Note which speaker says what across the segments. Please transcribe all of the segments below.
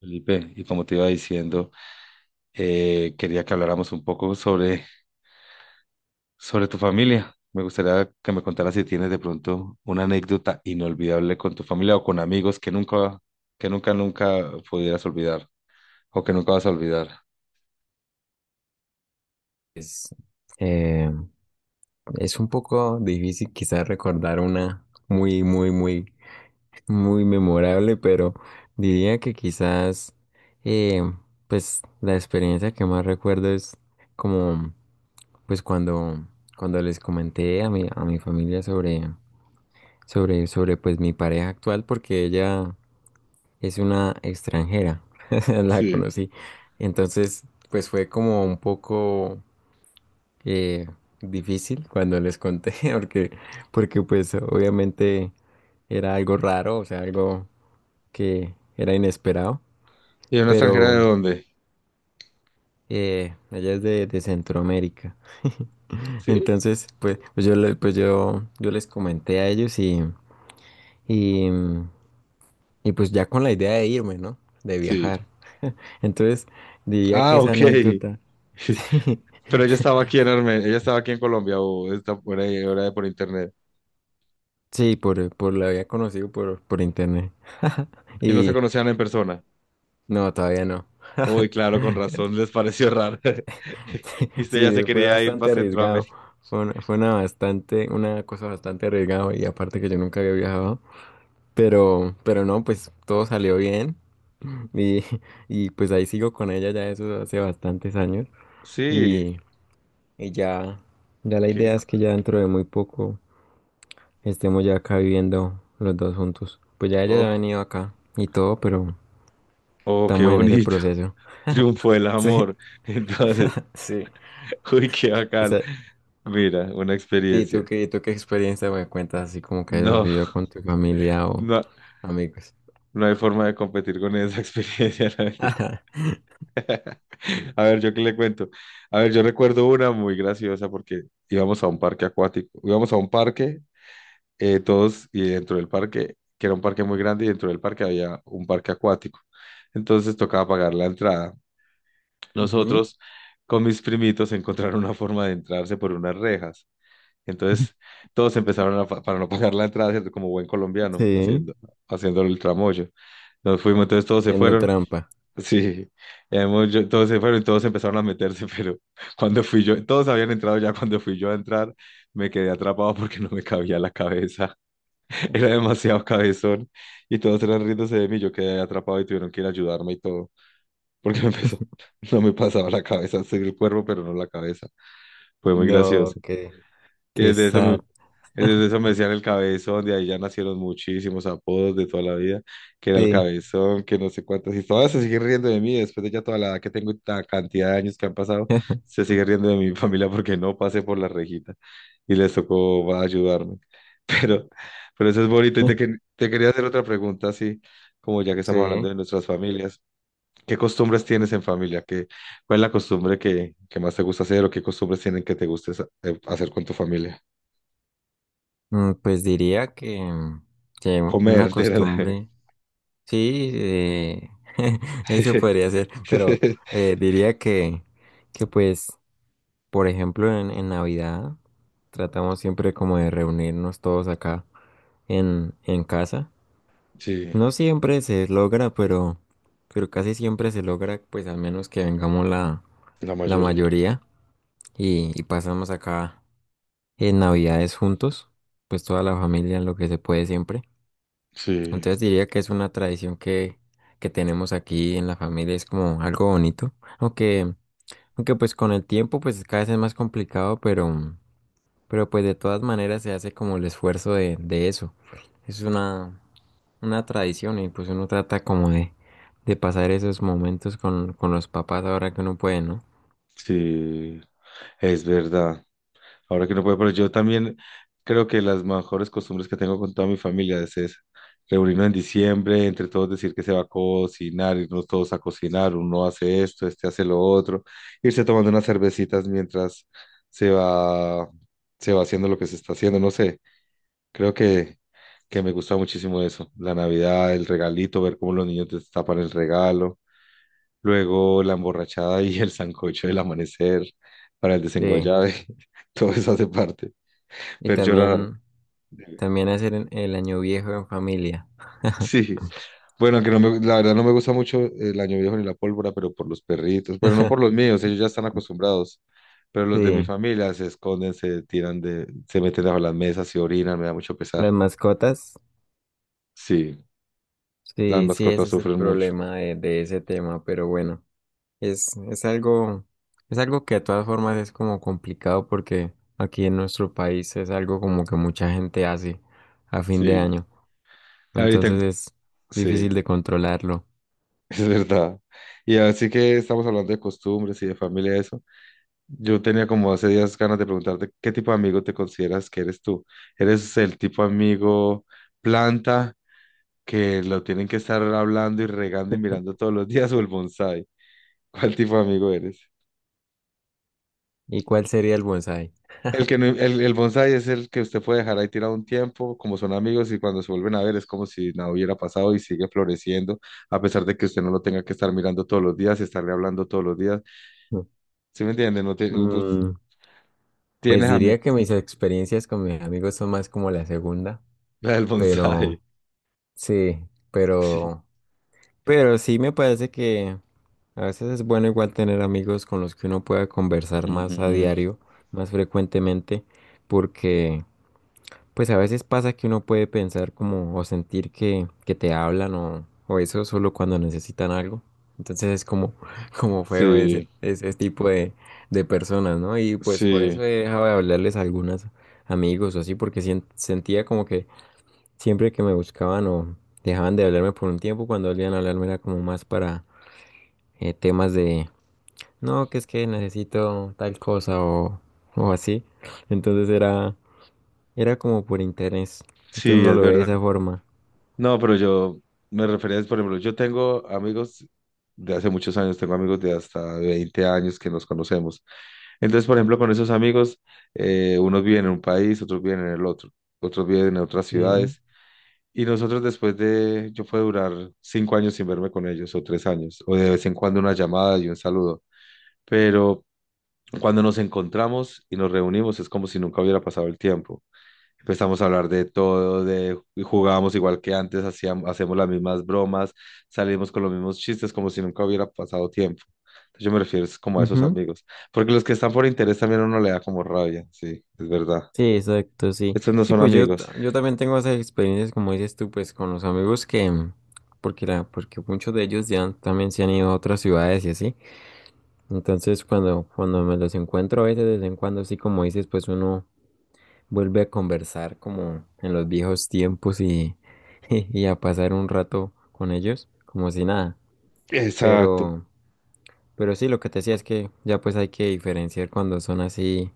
Speaker 1: Felipe, y como te iba diciendo, quería que habláramos un poco sobre tu familia. Me gustaría que me contaras si tienes de pronto una anécdota inolvidable con tu familia o con amigos que nunca pudieras olvidar o que nunca vas a olvidar.
Speaker 2: Es, eh, es un poco difícil quizás recordar una muy memorable, pero diría que quizás, eh, pues la experiencia que más recuerdo es como, pues cuando les comenté a a mi familia sobre, pues mi pareja actual, porque ella es una extranjera, la
Speaker 1: Sí.
Speaker 2: conocí. Entonces, pues fue como un poco eh, difícil cuando les conté, porque, porque pues obviamente era algo raro, o sea, algo que era inesperado,
Speaker 1: ¿Y una extranjera de
Speaker 2: pero
Speaker 1: dónde?
Speaker 2: ella es de Centroamérica.
Speaker 1: ¿Sí?
Speaker 2: Entonces, pues pues yo les comenté a ellos y, y pues ya con la idea de irme, ¿no? De
Speaker 1: Sí.
Speaker 2: viajar. Entonces, diría que
Speaker 1: Ah,
Speaker 2: esa
Speaker 1: ok.
Speaker 2: anécdota, sí,
Speaker 1: Pero ella estaba aquí en Armenia, ella estaba aquí en Colombia o está por ahí, ahora por internet.
Speaker 2: sí, por la había conocido por internet.
Speaker 1: Y no se
Speaker 2: Y
Speaker 1: conocían en persona.
Speaker 2: no, todavía no.
Speaker 1: Uy, claro, con razón les pareció raro. Y usted ya
Speaker 2: Sí,
Speaker 1: se
Speaker 2: fue
Speaker 1: quería ir para
Speaker 2: bastante arriesgado.
Speaker 1: Centroamérica.
Speaker 2: Fue una bastante, una cosa bastante arriesgada y aparte que yo nunca había viajado. Pero no, pues todo salió bien y, y pues ahí sigo con ella ya eso hace bastantes años
Speaker 1: Sí,
Speaker 2: y, y ya la
Speaker 1: qué,
Speaker 2: idea es que ya dentro de muy poco estemos ya acá viviendo los dos juntos. Pues ya ella ya
Speaker 1: oh,
Speaker 2: ha venido acá y todo, pero
Speaker 1: oh, qué
Speaker 2: estamos en ese
Speaker 1: bonito.
Speaker 2: proceso.
Speaker 1: Triunfo del
Speaker 2: Sí,
Speaker 1: amor. Entonces,
Speaker 2: sí.
Speaker 1: uy, qué bacano.
Speaker 2: Esa-
Speaker 1: Mira, una
Speaker 2: ¿Y
Speaker 1: experiencia.
Speaker 2: tú qué experiencia me cuentas así como que hayas
Speaker 1: No,
Speaker 2: vivido con tu familia
Speaker 1: no,
Speaker 2: amigos.
Speaker 1: no hay forma de competir con esa experiencia, la mentira. A ver, yo qué le cuento. A ver, yo recuerdo una muy graciosa porque íbamos a un parque acuático. Íbamos a un parque, todos, y dentro del parque, que era un parque muy grande, y dentro del parque había un parque acuático. Entonces tocaba pagar la entrada.
Speaker 2: Ujú,
Speaker 1: Nosotros con mis primitos encontraron una forma de entrarse por unas rejas. Entonces todos empezaron para no pagar la entrada, ¿cierto? Como buen colombiano,
Speaker 2: sí.
Speaker 1: haciendo el tramoyo. Nos fuimos, entonces todos se
Speaker 2: Yendo
Speaker 1: fueron.
Speaker 2: trampa.
Speaker 1: Sí, todos se fueron y todos empezaron a meterse, pero cuando fui yo, todos habían entrado ya, cuando fui yo a entrar, me quedé atrapado porque no me cabía la cabeza. Era demasiado cabezón y todos eran riéndose de mí. Yo quedé atrapado y tuvieron que ir a ayudarme y todo, porque no me pasaba la cabeza, sí el cuerpo, pero no la cabeza. Fue muy
Speaker 2: No,
Speaker 1: gracioso.
Speaker 2: qué,
Speaker 1: Y
Speaker 2: qué
Speaker 1: desde eso me,
Speaker 2: sad.
Speaker 1: desde eso me decían el cabezón, de ahí ya nacieron muchísimos apodos de toda la vida, que era el
Speaker 2: Sí.
Speaker 1: cabezón, que no sé cuántas, y todas se siguen riendo de mí después de ya toda la edad que tengo y la cantidad de años que han pasado, se sigue riendo de mi familia porque no pasé por la rejita y les tocó ayudarme. Pero, pero eso es bonito. Y te quería hacer otra pregunta, así, como ya que estamos hablando
Speaker 2: Sí,
Speaker 1: de nuestras familias. ¿Qué costumbres tienes en familia? ¿Cuál es la costumbre que más te gusta hacer, o qué costumbres tienen que te guste hacer con tu familia?
Speaker 2: mm, pues diría que una
Speaker 1: Comer, de verdad.
Speaker 2: costumbre, sí, eso podría ser, pero diría que pues, por ejemplo, en Navidad tratamos siempre como de reunirnos todos acá en casa.
Speaker 1: Sí,
Speaker 2: No siempre se logra, pero casi siempre se logra, pues al menos que vengamos
Speaker 1: la
Speaker 2: la
Speaker 1: mayoría.
Speaker 2: mayoría y pasamos acá en Navidades juntos, pues toda la familia en lo que se puede siempre.
Speaker 1: Sí,
Speaker 2: Entonces diría que es una tradición que tenemos aquí en la familia, es como algo bonito, aunque, aunque pues con el tiempo pues cada vez es más complicado, pero pues de todas maneras se hace como el esfuerzo de eso. Es una, una tradición y pues uno trata como de pasar esos momentos con los papás ahora que uno puede, ¿no?
Speaker 1: sí, es verdad. Ahora que no puedo, pero yo también creo que las mejores costumbres que tengo con toda mi familia es esa. Reunirnos en diciembre, entre todos decir que se va a cocinar, irnos todos a cocinar, uno hace esto, este hace lo otro, irse tomando unas cervecitas mientras se va, se va haciendo lo que se está haciendo, no sé. Creo que me gusta muchísimo eso. La Navidad, el regalito, ver cómo los niños destapan el regalo, luego la emborrachada y el sancocho del amanecer para el
Speaker 2: Sí,
Speaker 1: desenguayabe, todo eso hace parte.
Speaker 2: y
Speaker 1: Ver llorar.
Speaker 2: también, también hacer en- el año viejo en familia.
Speaker 1: Sí. Bueno, que no me, la verdad, no me gusta mucho el año viejo ni la pólvora, pero por los perritos. Bueno, no por los míos, ellos ya están acostumbrados. Pero los de mi
Speaker 2: Sí,
Speaker 1: familia se esconden, se meten bajo las mesas y orinan, me da mucho pesar.
Speaker 2: las mascotas,
Speaker 1: Sí, las
Speaker 2: sí, sí,
Speaker 1: mascotas
Speaker 2: ese es el
Speaker 1: sufren mucho.
Speaker 2: problema de ese tema, pero bueno, es, es algo, es algo que de todas formas es como complicado porque aquí en nuestro país es algo como que mucha gente hace a fin de
Speaker 1: Sí.
Speaker 2: año,
Speaker 1: Ahorita,
Speaker 2: entonces es difícil
Speaker 1: sí,
Speaker 2: de controlarlo.
Speaker 1: es verdad. Y así que estamos hablando de costumbres y de familia, eso. Yo tenía como hace días ganas de preguntarte qué tipo de amigo te consideras que eres tú. ¿Eres el tipo amigo planta, que lo tienen que estar hablando y regando y mirando todos los días, o el bonsai? ¿Cuál tipo de amigo eres?
Speaker 2: ¿Y cuál sería el bonsái?
Speaker 1: El que no- el bonsai es el que usted puede dejar ahí tirado un tiempo, como son amigos, y cuando se vuelven a ver es como si nada hubiera pasado y sigue floreciendo, a pesar de que usted no lo tenga que estar mirando todos los días y estarle hablando todos los días. ¿Sí me entiende? No te- pues,
Speaker 2: Mm, pues
Speaker 1: tienes a mí,
Speaker 2: diría que mis experiencias con mis amigos son más como la segunda,
Speaker 1: la del bonsai.
Speaker 2: pero sí,
Speaker 1: Sí.
Speaker 2: pero... Pero sí me parece que a veces es bueno igual tener amigos con los que uno pueda conversar más a
Speaker 1: Ujú.
Speaker 2: diario, más frecuentemente, porque pues a veces pasa que uno puede pensar como o sentir que te hablan o eso solo cuando necesitan algo. Entonces es como, como feo
Speaker 1: Sí,
Speaker 2: ese tipo de personas, ¿no? Y pues por
Speaker 1: sí,
Speaker 2: eso he dejado de hablarles a algunos amigos o así, porque sien- sentía como que siempre que me buscaban o dejaban de hablarme por un tiempo, cuando volvían a hablarme era como más para temas de, no, que es que necesito tal cosa o así. Entonces era como por interés. Entonces
Speaker 1: sí,
Speaker 2: no
Speaker 1: es
Speaker 2: lo ve de
Speaker 1: verdad.
Speaker 2: esa forma.
Speaker 1: No, pero yo me refería, por ejemplo, yo tengo amigos de hace muchos años, tengo amigos de hasta 20 años que nos conocemos. Entonces, por ejemplo, con esos amigos, unos viven en un país, otros viven en el otro, otros viven en otras
Speaker 2: Sí.
Speaker 1: ciudades. Y nosotros, yo puedo durar 5 años sin verme con ellos, o 3 años, o de vez en cuando una llamada y un saludo. Pero cuando nos encontramos y nos reunimos es como si nunca hubiera pasado el tiempo. Empezamos a hablar de todo, de jugábamos igual que antes, hacíamos, hacemos las mismas bromas, salimos con los mismos chistes como si nunca hubiera pasado tiempo. Entonces yo me refiero es como a esos
Speaker 2: Ujú.
Speaker 1: amigos, porque los que están por interés también a uno le da como rabia, sí, es verdad.
Speaker 2: Sí, exacto, sí.
Speaker 1: Estos no
Speaker 2: Sí,
Speaker 1: son
Speaker 2: pues
Speaker 1: amigos.
Speaker 2: yo también tengo esas experiencias, como dices tú, pues con los amigos que, mm, porque, la, porque muchos de ellos ya han- también se han ido a otras ciudades y así. Entonces cuando me los encuentro a veces, de vez en cuando, sí, como dices, pues uno vuelve a conversar como en los viejos tiempos y, y a pasar un rato con ellos, como si nada.
Speaker 1: Exacto,
Speaker 2: Pero, pero sí, lo que te decía es que ya pues hay que diferenciar cuando son así,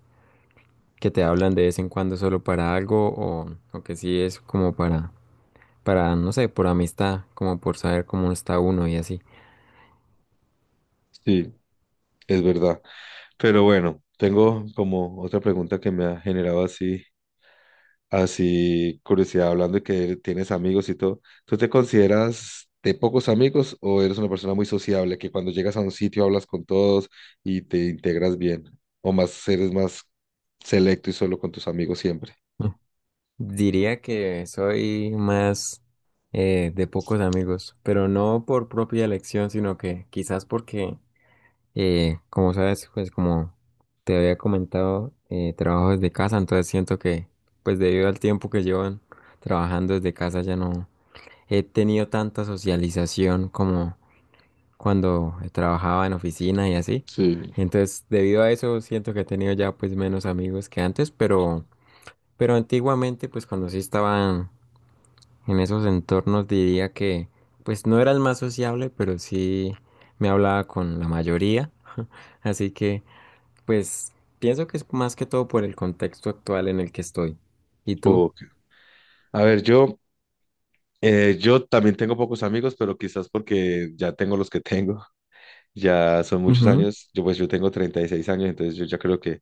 Speaker 2: que te hablan de vez en cuando solo para algo o que sí es como para, no sé, por amistad, como por saber cómo está uno y así.
Speaker 1: sí, es verdad. Pero bueno, tengo como otra pregunta que me ha generado así, curiosidad, hablando de que tienes amigos y todo. ¿Tú te consideras de pocos amigos, o eres una persona muy sociable que cuando llegas a un sitio hablas con todos y te integras bien? ¿O más selecto y solo con tus amigos siempre?
Speaker 2: Diría que soy más de pocos amigos, pero no por propia elección, sino que quizás porque eh, como sabes, pues como te había comentado, trabajo desde casa, entonces siento que, pues debido al tiempo que llevo en- trabajando desde casa, ya no he tenido tanta socialización como cuando trabajaba en oficina y así.
Speaker 1: Sí.
Speaker 2: Entonces, debido a eso, siento que he tenido ya pues menos amigos que antes, pero antiguamente, pues cuando sí estaba en esos entornos, diría que, pues no era el más sociable, pero sí me hablaba con la mayoría. Así que... Pues pienso que es más que todo por el contexto actual en el que estoy. ¿Y tú?
Speaker 1: Ok. A ver, yo también tengo pocos amigos, pero quizás porque ya tengo los que tengo, ya son muchos
Speaker 2: Ujú,
Speaker 1: años, yo tengo 36 años, entonces yo ya creo que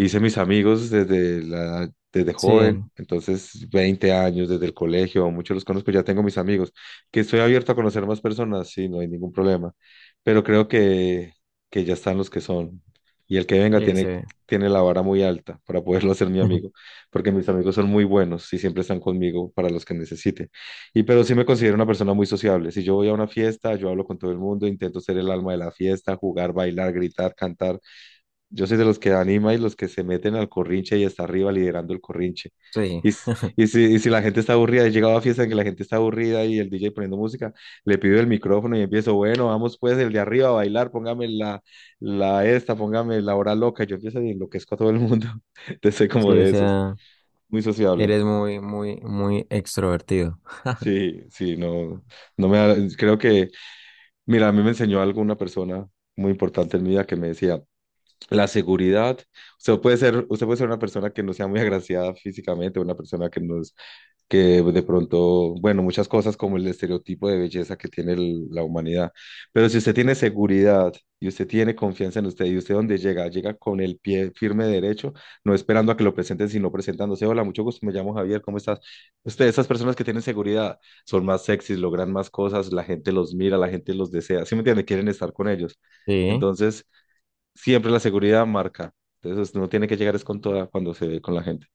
Speaker 1: hice mis amigos desde joven,
Speaker 2: sí,
Speaker 1: entonces 20 años, desde el colegio, muchos los conozco, ya tengo mis amigos, que estoy abierto a conocer más personas, sí, no hay ningún problema, pero creo que ya están los que son, y el que venga
Speaker 2: sí, sí.
Speaker 1: tiene la vara muy alta para poderlo hacer mi amigo, porque mis amigos son muy buenos y siempre están conmigo para los que necesite, pero sí me considero una persona muy sociable. Si yo voy a una fiesta, yo hablo con todo el mundo, intento ser el alma de la fiesta, jugar, bailar, gritar, cantar, yo soy de los que anima y los que se meten al corrinche y está arriba liderando el corrinche.
Speaker 2: Sí,
Speaker 1: Y, s- y si la gente está aburrida, he llegado a fiestas en que la gente está aburrida y el DJ poniendo música, le pido el micrófono y empiezo, bueno, vamos pues el de arriba a bailar, póngame la hora loca. Yo empiezo y enloquezco a todo el mundo. Entonces soy como
Speaker 2: sí, o
Speaker 1: de esos,
Speaker 2: sea,
Speaker 1: muy sociable.
Speaker 2: eres muy extrovertido.
Speaker 1: Sí, sí, no, no me da- creo que, mira, a mí me enseñó algo una persona muy importante en mi vida que me decía, la seguridad. Usted puede ser una persona que no sea muy agraciada físicamente, una persona que no es, que de pronto, bueno, muchas cosas como el estereotipo de belleza que tiene la humanidad. Pero si usted tiene seguridad y usted tiene confianza en usted, y usted donde llega, llega con el pie firme derecho, no esperando a que lo presenten, sino presentándose. Hola, mucho gusto, me llamo Javier, ¿cómo estás? Usted, esas personas que tienen seguridad son más sexys, logran más cosas, la gente los mira, la gente los desea. ¿Sí me entiende? Quieren estar con ellos.
Speaker 2: Sí,
Speaker 1: Entonces, siempre la seguridad marca. Entonces no tiene que llegar es con toda cuando se ve con la gente.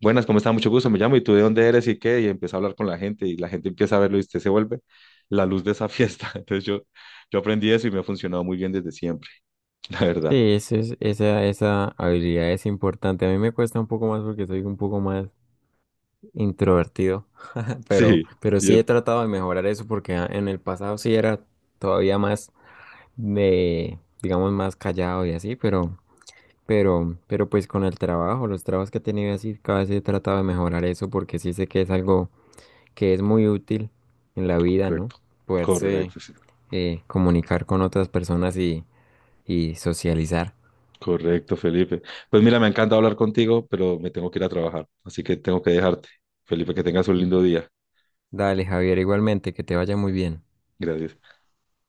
Speaker 1: Buenas, ¿cómo está? Mucho gusto, me llamo, y tú de dónde eres, y qué, y empieza a hablar con la gente y la gente empieza a verlo y usted se vuelve la luz de esa fiesta. Entonces yo aprendí eso y me ha funcionado muy bien desde siempre, la
Speaker 2: sí,
Speaker 1: verdad.
Speaker 2: eso es- esa habilidad es importante. A mí me cuesta un poco más porque soy un poco más introvertido,
Speaker 1: Sí,
Speaker 2: pero
Speaker 1: y
Speaker 2: sí
Speaker 1: es
Speaker 2: he tratado de mejorar eso porque a- en el pasado sí era todavía más de, digamos, más callado y así, pero... pero pues con el trabajo, los trabajos que he tenido así, cada vez he tratado de mejorar eso porque sí sé que es algo que es muy útil en la vida, ¿no?
Speaker 1: correcto,
Speaker 2: Poderse
Speaker 1: correcto, sí.
Speaker 2: comunicar con otras personas y socializar.
Speaker 1: Correcto, Felipe. Pues mira, me encanta hablar contigo, pero me tengo que ir a trabajar, así que tengo que dejarte. Felipe, que tengas un lindo día.
Speaker 2: Dale, Javier, igualmente, que te vaya muy bien.
Speaker 1: Gracias.